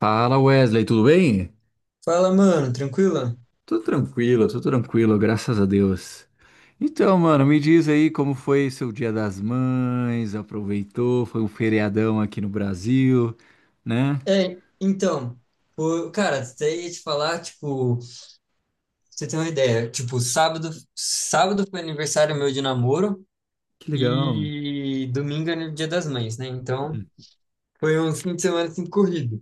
Fala Wesley, tudo bem? Fala, mano, tranquila? Tudo tranquilo, graças a Deus. Então, mano, me diz aí como foi seu Dia das Mães, aproveitou, foi um feriadão aqui no Brasil, né? É, então, pô, cara, até ia te falar, tipo, pra você tem uma ideia, tipo, sábado foi aniversário meu de namoro Que legal. e domingo é o Dia das Mães, né? Então, Hum. foi um fim de semana assim corrido.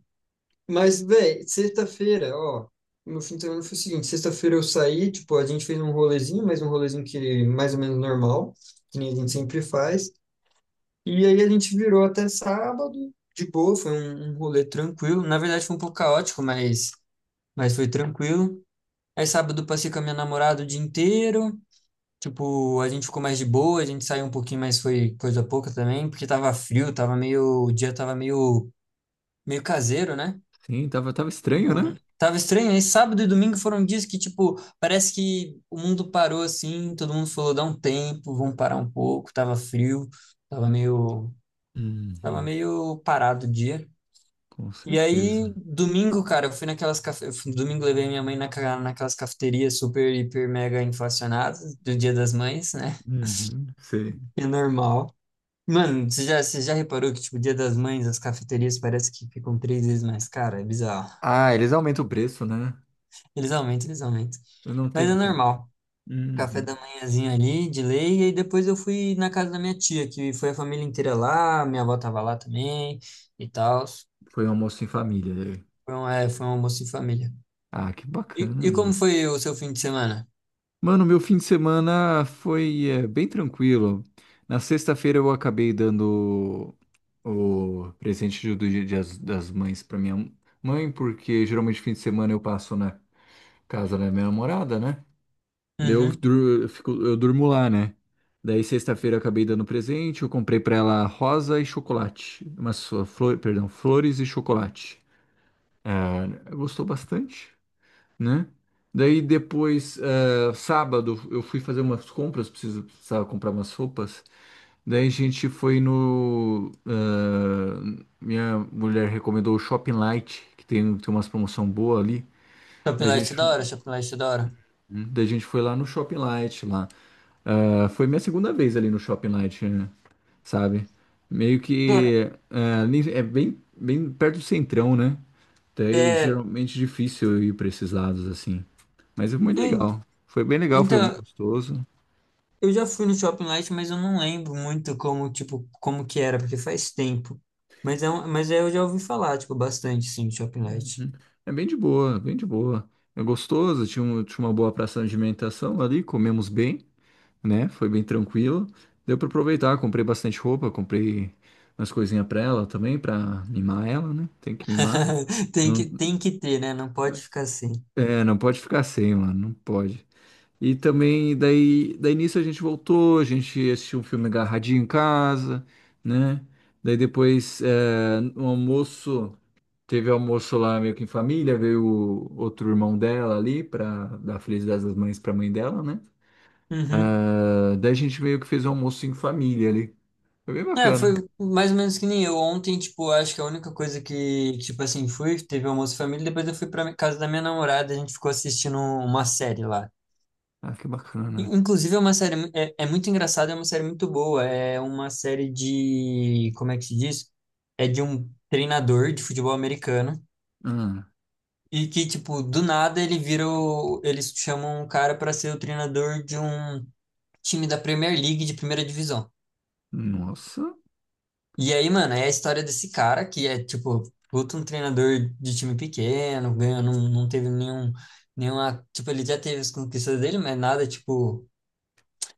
Mas, véi, sexta-feira, ó, meu fim de semana foi o seguinte, sexta-feira eu saí, tipo, a gente fez um rolezinho, mas um rolezinho que é mais ou menos normal, que nem a gente sempre faz. E aí a gente virou até sábado, de boa, foi um rolê tranquilo. Na verdade foi um pouco caótico, mas foi tranquilo. Aí sábado eu passei com a minha namorada o dia inteiro. Tipo, a gente ficou mais de boa, a gente saiu um pouquinho, mas foi coisa pouca também, porque tava frio, tava meio, o dia tava meio caseiro, né? Sim, tava estranho, né? Tava estranho. Aí sábado e domingo foram dias que, tipo, parece que o mundo parou assim, todo mundo falou, dá um tempo, vamos parar um pouco, tava frio, tava meio, tava Uhum, meio parado o dia. com E aí, certeza. domingo, cara, eu fui naquelas cafe... eu fui- domingo levei minha mãe naquelas cafeterias super, hiper, mega inflacionadas do Dia das Mães, né? Uhum, sei. É normal. Mano, você já reparou que, tipo, Dia das Mães, as cafeterias parece que ficam três vezes mais cara? É bizarro. Ah, eles aumentam o preço, né? Eles aumentam, eles aumentam. Eu não Mas é tenho como. normal. Café Uhum. da manhãzinho ali, de lei, e aí depois eu fui na casa da minha tia, que foi a família inteira lá, minha avó tava lá também e tal. Foi um almoço em família, né? Foi um almoço em família. Ah, que E como bacana. foi o seu fim de semana? Mano, meu fim de semana foi bem tranquilo. Na sexta-feira eu acabei dando o presente do Dia das Mães para minha mãe, porque geralmente fim de semana eu passo na casa da minha namorada, né? Daí Eu, Uhum. dur- eu fico, eu durmo lá, né? Daí sexta-feira eu acabei dando presente, eu comprei para ela rosa e chocolate, umas flores e chocolate. Ela gostou bastante, né? Daí depois, sábado, eu fui fazer umas compras, precisava comprar umas roupas. Daí a gente foi no. eh, minha mulher recomendou o Shopping Light, que tem umas promoção boa ali. Shopping Daí a Light gente, é da foi- hora, Shopping Light é da hora. daí a gente foi lá no Shopping Light lá. Ah, foi minha segunda vez ali no Shopping Light, né? Sabe? Meio Cara, que, ali é bem, bem perto do centrão, né? Daí é, geralmente difícil eu ir pra esses lados assim. Mas é muito en- legal. Foi bem legal, foi muito então, gostoso. eu já fui no Shopping Light, mas eu não lembro muito como, tipo, como que era, porque faz tempo. Mas, é, eu já ouvi falar, tipo, bastante, sim, do Shopping Light. Uhum. É bem de boa, bem de boa. É gostoso, tinha uma boa praça de alimentação ali, comemos bem, né? Foi bem tranquilo. Deu pra aproveitar, comprei bastante roupa, comprei umas coisinhas pra ela também, pra mimar ela, né? Tem que mimar. Não, tem que ter, né? Não pode ficar sem. é, não pode ficar sem, mano, não pode. E também, daí nisso a gente voltou, a gente assistiu um filme agarradinho em casa, né? Daí depois, no almoço, teve almoço lá meio que em família, veio o outro irmão dela ali pra dar Feliz Dia das Mães pra mãe dela, né? Uhum. Ah, daí a gente meio que fez um almoço em família ali. Foi bem É, foi bacana. mais ou menos que nem eu. Ontem, tipo, acho que a única coisa que, tipo assim, fui, teve almoço de família, depois eu fui pra casa da minha namorada, a gente ficou assistindo uma série lá. Ah, que bacana. Inclusive, é uma série, é muito engraçada, é uma série muito boa. É uma série de, como é que se diz? É de um treinador de futebol americano Ah, e que, tipo, do nada ele vira, eles chamam um cara para ser o treinador de um time da Premier League de primeira divisão. nossa. E aí, mano, é a história desse cara que é, tipo, puta um treinador de time pequeno, ganha, não teve nenhuma, tipo, ele já teve as conquistas dele, mas nada, tipo.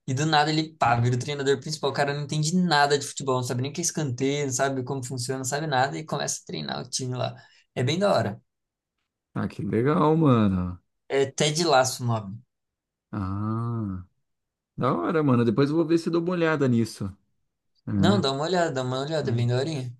E do nada ele, pá, vira o treinador principal. O cara não entende nada de futebol, não sabe nem o que é escanteio, não sabe como funciona, não sabe nada e começa a treinar o time lá. É bem da hora. Ah, que legal, mano. É Ted Lasso o nome. Ah, da hora, mano. Depois eu vou ver se dou uma olhada nisso, Não, né? Dá uma olhada, é bem É. daorinha.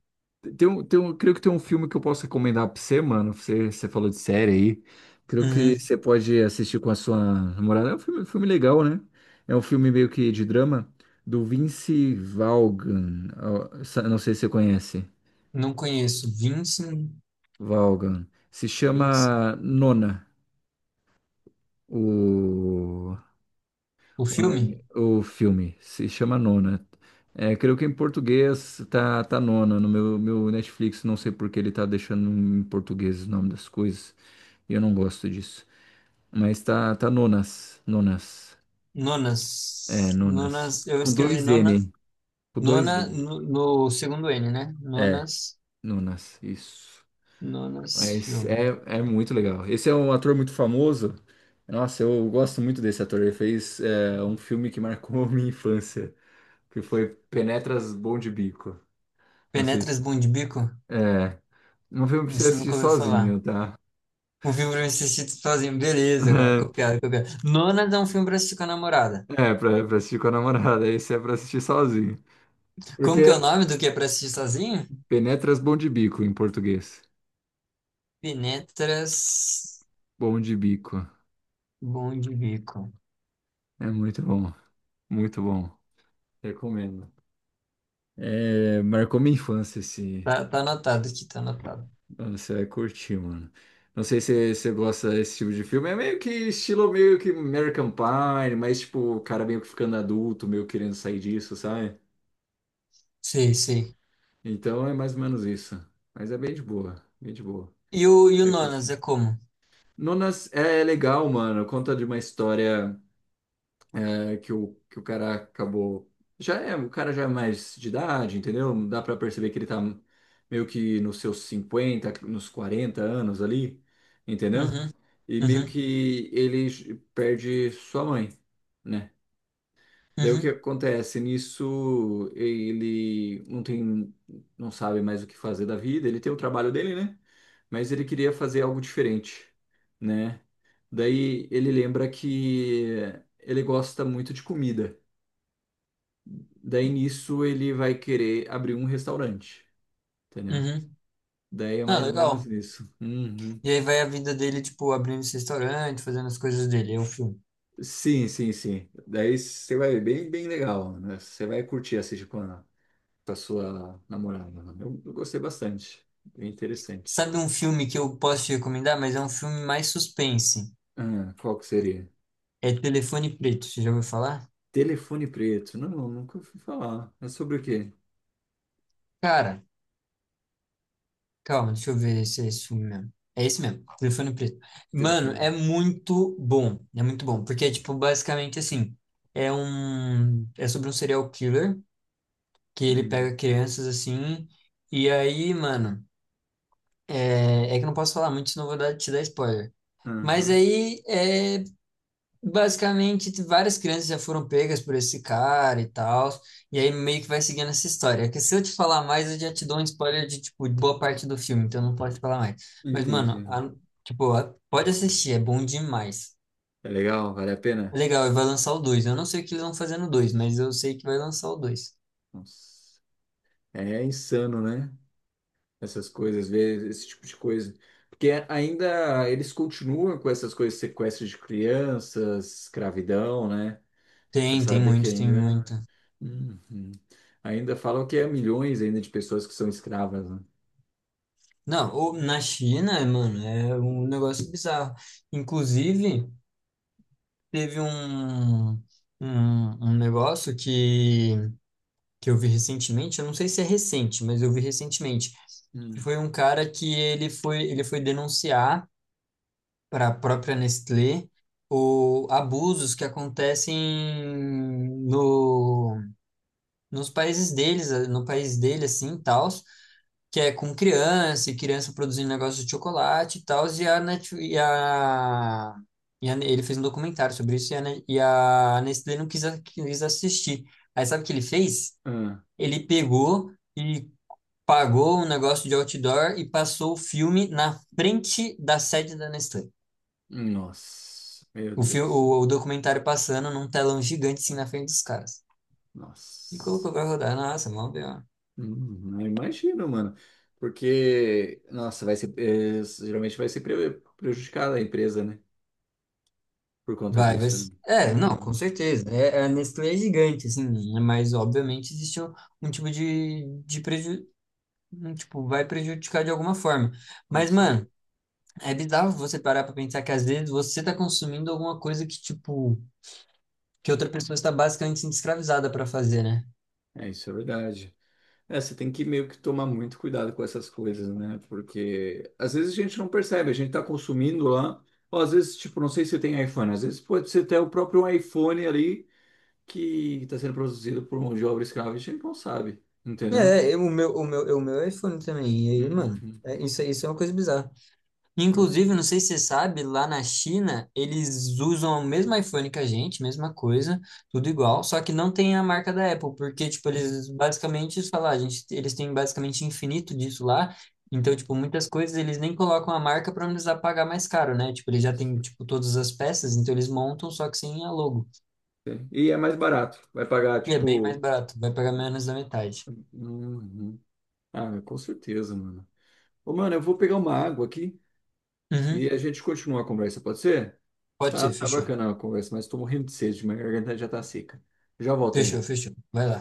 Creio que tem um filme que eu posso recomendar pra você, mano. Você falou de série aí. Creio que Uhum. você pode assistir com a sua namorada. É um filme legal, né? É um filme meio que de drama do Vince Vaughan. Ó, não sei se você conhece. Não conheço. Vincent, Vaughan. Se Vincent. chama Nona. O... O filme? O filme se chama Nona. É, creio que em português tá Nona no meu Netflix. Não sei por que ele tá deixando em português o nome das coisas. E eu não gosto disso. Mas tá Nonas. Nonas. Nonas. É, Nonas. Nonas, eu Com escrevi dois Nona, N. Com dois Nona N. no segundo N, né? É, Nonas, Nonas. Isso. Nonas Mas filme. é muito legal. Esse é um ator muito famoso. Nossa, eu gosto muito desse ator. Ele fez, um filme que marcou minha infância, que foi Penetras Bom de Bico. Não sei Penetras se... Bom de Bico? É, um filme pra você Isso eu assistir nunca ouvi falar. sozinho, tá? Um filme pra me assistir sozinho. Beleza, cara. Copiado, copiado. Nonas é um filme pra assistir com a namorada. É, pra assistir com a namorada, esse é pra assistir sozinho. Como que Porque é o nome do que é pra assistir sozinho? Penetras Bom de Bico em português. Penetras Bom de Bico. Bom de Bico. É muito bom, muito bom. Recomendo. É, marcou minha infância esse. Tá, tá anotado aqui, tá anotado. Mano, você vai curtir, mano. Não sei se você gosta desse tipo de filme. É meio que estilo meio que American Pie, mas tipo, o cara meio que ficando adulto, meio querendo sair disso, sabe? Sei, sei. Então é mais ou menos isso. Mas é bem de boa, bem de boa. E o É Nonas curtir. é como? Nonas é legal, mano. Conta de uma história é, que o cara acabou. Já é, o cara já é mais de idade, entendeu? Dá pra perceber que ele tá meio que nos seus 50 nos 40 anos ali, entendeu? Uhum, E meio uhum, que ele perde sua mãe, né? Daí o que uhum, acontece? Nisso ele não tem, não sabe mais o que fazer da vida. Ele tem o trabalho dele, né? Mas ele queria fazer algo diferente, né? Daí ele lembra que ele gosta muito de comida. Daí nisso ele vai querer abrir um restaurante, entendeu? uhum. Daí é Ah, mais ou menos legal. isso. Uhum. E aí vai a vida dele, tipo, abrindo esse restaurante, fazendo as coisas dele. É o filme. Sim, sim, sim. Daí você vai ver bem, bem legal, né? Você vai curtir assistir com sua namorada, né? Eu gostei bastante. Bem interessante. Sabe um filme que eu posso te recomendar, mas é um filme mais suspense? Ah, qual que seria? É Telefone Preto, você já ouviu falar? Telefone preto. Não, nunca fui falar. É sobre o quê? Cara. Calma, deixa eu ver se é esse filme mesmo. É esse mesmo, Telefone Preto. Mano, Telefone. é muito bom. É muito bom. Porque é, tipo, basicamente assim. É um. É sobre um serial killer que ele Hum. pega crianças assim. E aí, mano, é, é que eu não posso falar muito, senão eu vou dar, te dar spoiler. Mas Aham. aí é basicamente, várias crianças já foram pegas por esse cara e tal, e aí meio que vai seguindo essa história. É que se eu te falar mais, eu já te dou um spoiler de, tipo, de boa parte do filme, então não posso te falar mais. Mas, Entendi. mano, tipo, pode assistir, é bom demais. É legal? Vale a pena? É legal, e vai lançar o 2. Eu não sei o que eles vão fazer no 2, mas eu sei que vai lançar o 2. Nossa. É insano, né? Essas coisas, ver esse tipo de coisa. Porque ainda eles continuam com essas coisas, sequestro de crianças, escravidão, né? Você Tem, tem sabe que muito, tem muito. ainda. Uhum. Ainda falam que é milhões ainda de pessoas que são escravas, né? Não, ou na China, mano, é um negócio bizarro. Inclusive, teve um negócio que eu vi recentemente, eu não sei se é recente, mas eu vi recentemente, que Hum. foi um cara que ele foi denunciar para a própria Nestlé o abusos que acontecem no, nos países deles, no país dele, assim, tal, que é com criança, e criança produzindo negócio de chocolate e tal, e a, Net, e a- ele fez um documentário sobre isso e a Nestlé não quis assistir. Aí sabe o que ele fez? Ah, Ele pegou e pagou um negócio de outdoor e passou o filme na frente da sede da Nestlé. nossa, meu O, filme, Deus. o, o documentário passando num telão gigante assim na frente dos caras. E Nossa. colocou pra rodar. Nossa, mó B.O. Eu imagino, mano. Porque, nossa, vai ser, geralmente vai ser prejudicada a empresa, né? Por conta Vai, vai. disso, né? É, não, com Uhum. certeza. É, a Nestlé é gigante, assim, né? Mas obviamente existe um tipo de, vai prejudicar de alguma forma. Com Mas, certeza. mano, é bizarro você parar pra pensar que às vezes você tá consumindo alguma coisa que, tipo, que outra pessoa está basicamente sendo escravizada pra fazer, né? É, isso é verdade. É, você tem que meio que tomar muito cuidado com essas coisas, né? Porque às vezes a gente não percebe, a gente tá consumindo lá, ou às vezes, tipo, não sei se tem iPhone, às vezes pode ser até o próprio iPhone ali que tá sendo produzido por mão de obra escrava, a gente não sabe, entendeu? É, eu- o meu é iPhone também. E aí, mano, Uhum. é, isso é uma coisa bizarra. Com Inclusive, certeza. não sei se você sabe, lá na China, eles usam o mesmo iPhone que a gente, mesma coisa, tudo igual, só que não tem a marca da Apple, porque, tipo, eles basicamente, eles falam, "Ah, gente, eles têm basicamente infinito disso lá. Então, tipo, muitas coisas eles nem colocam a marca para não precisar pagar mais caro, né? Tipo, eles já têm, Sim. tipo, todas as peças, então eles montam, só que sem a logo. E é mais barato, vai pagar, E é bem mais tipo. barato, vai pagar menos da metade. Uhum. Ah, com certeza, mano. Ô, mano, eu vou pegar uma água aqui e Uhum. a gente continua a conversa, pode ser? Pode Tá, ser, tá fechou. bacana a conversa, mas tô morrendo de sede, minha garganta já tá seca. Já volto Fechou, aí. fechou. Vai lá.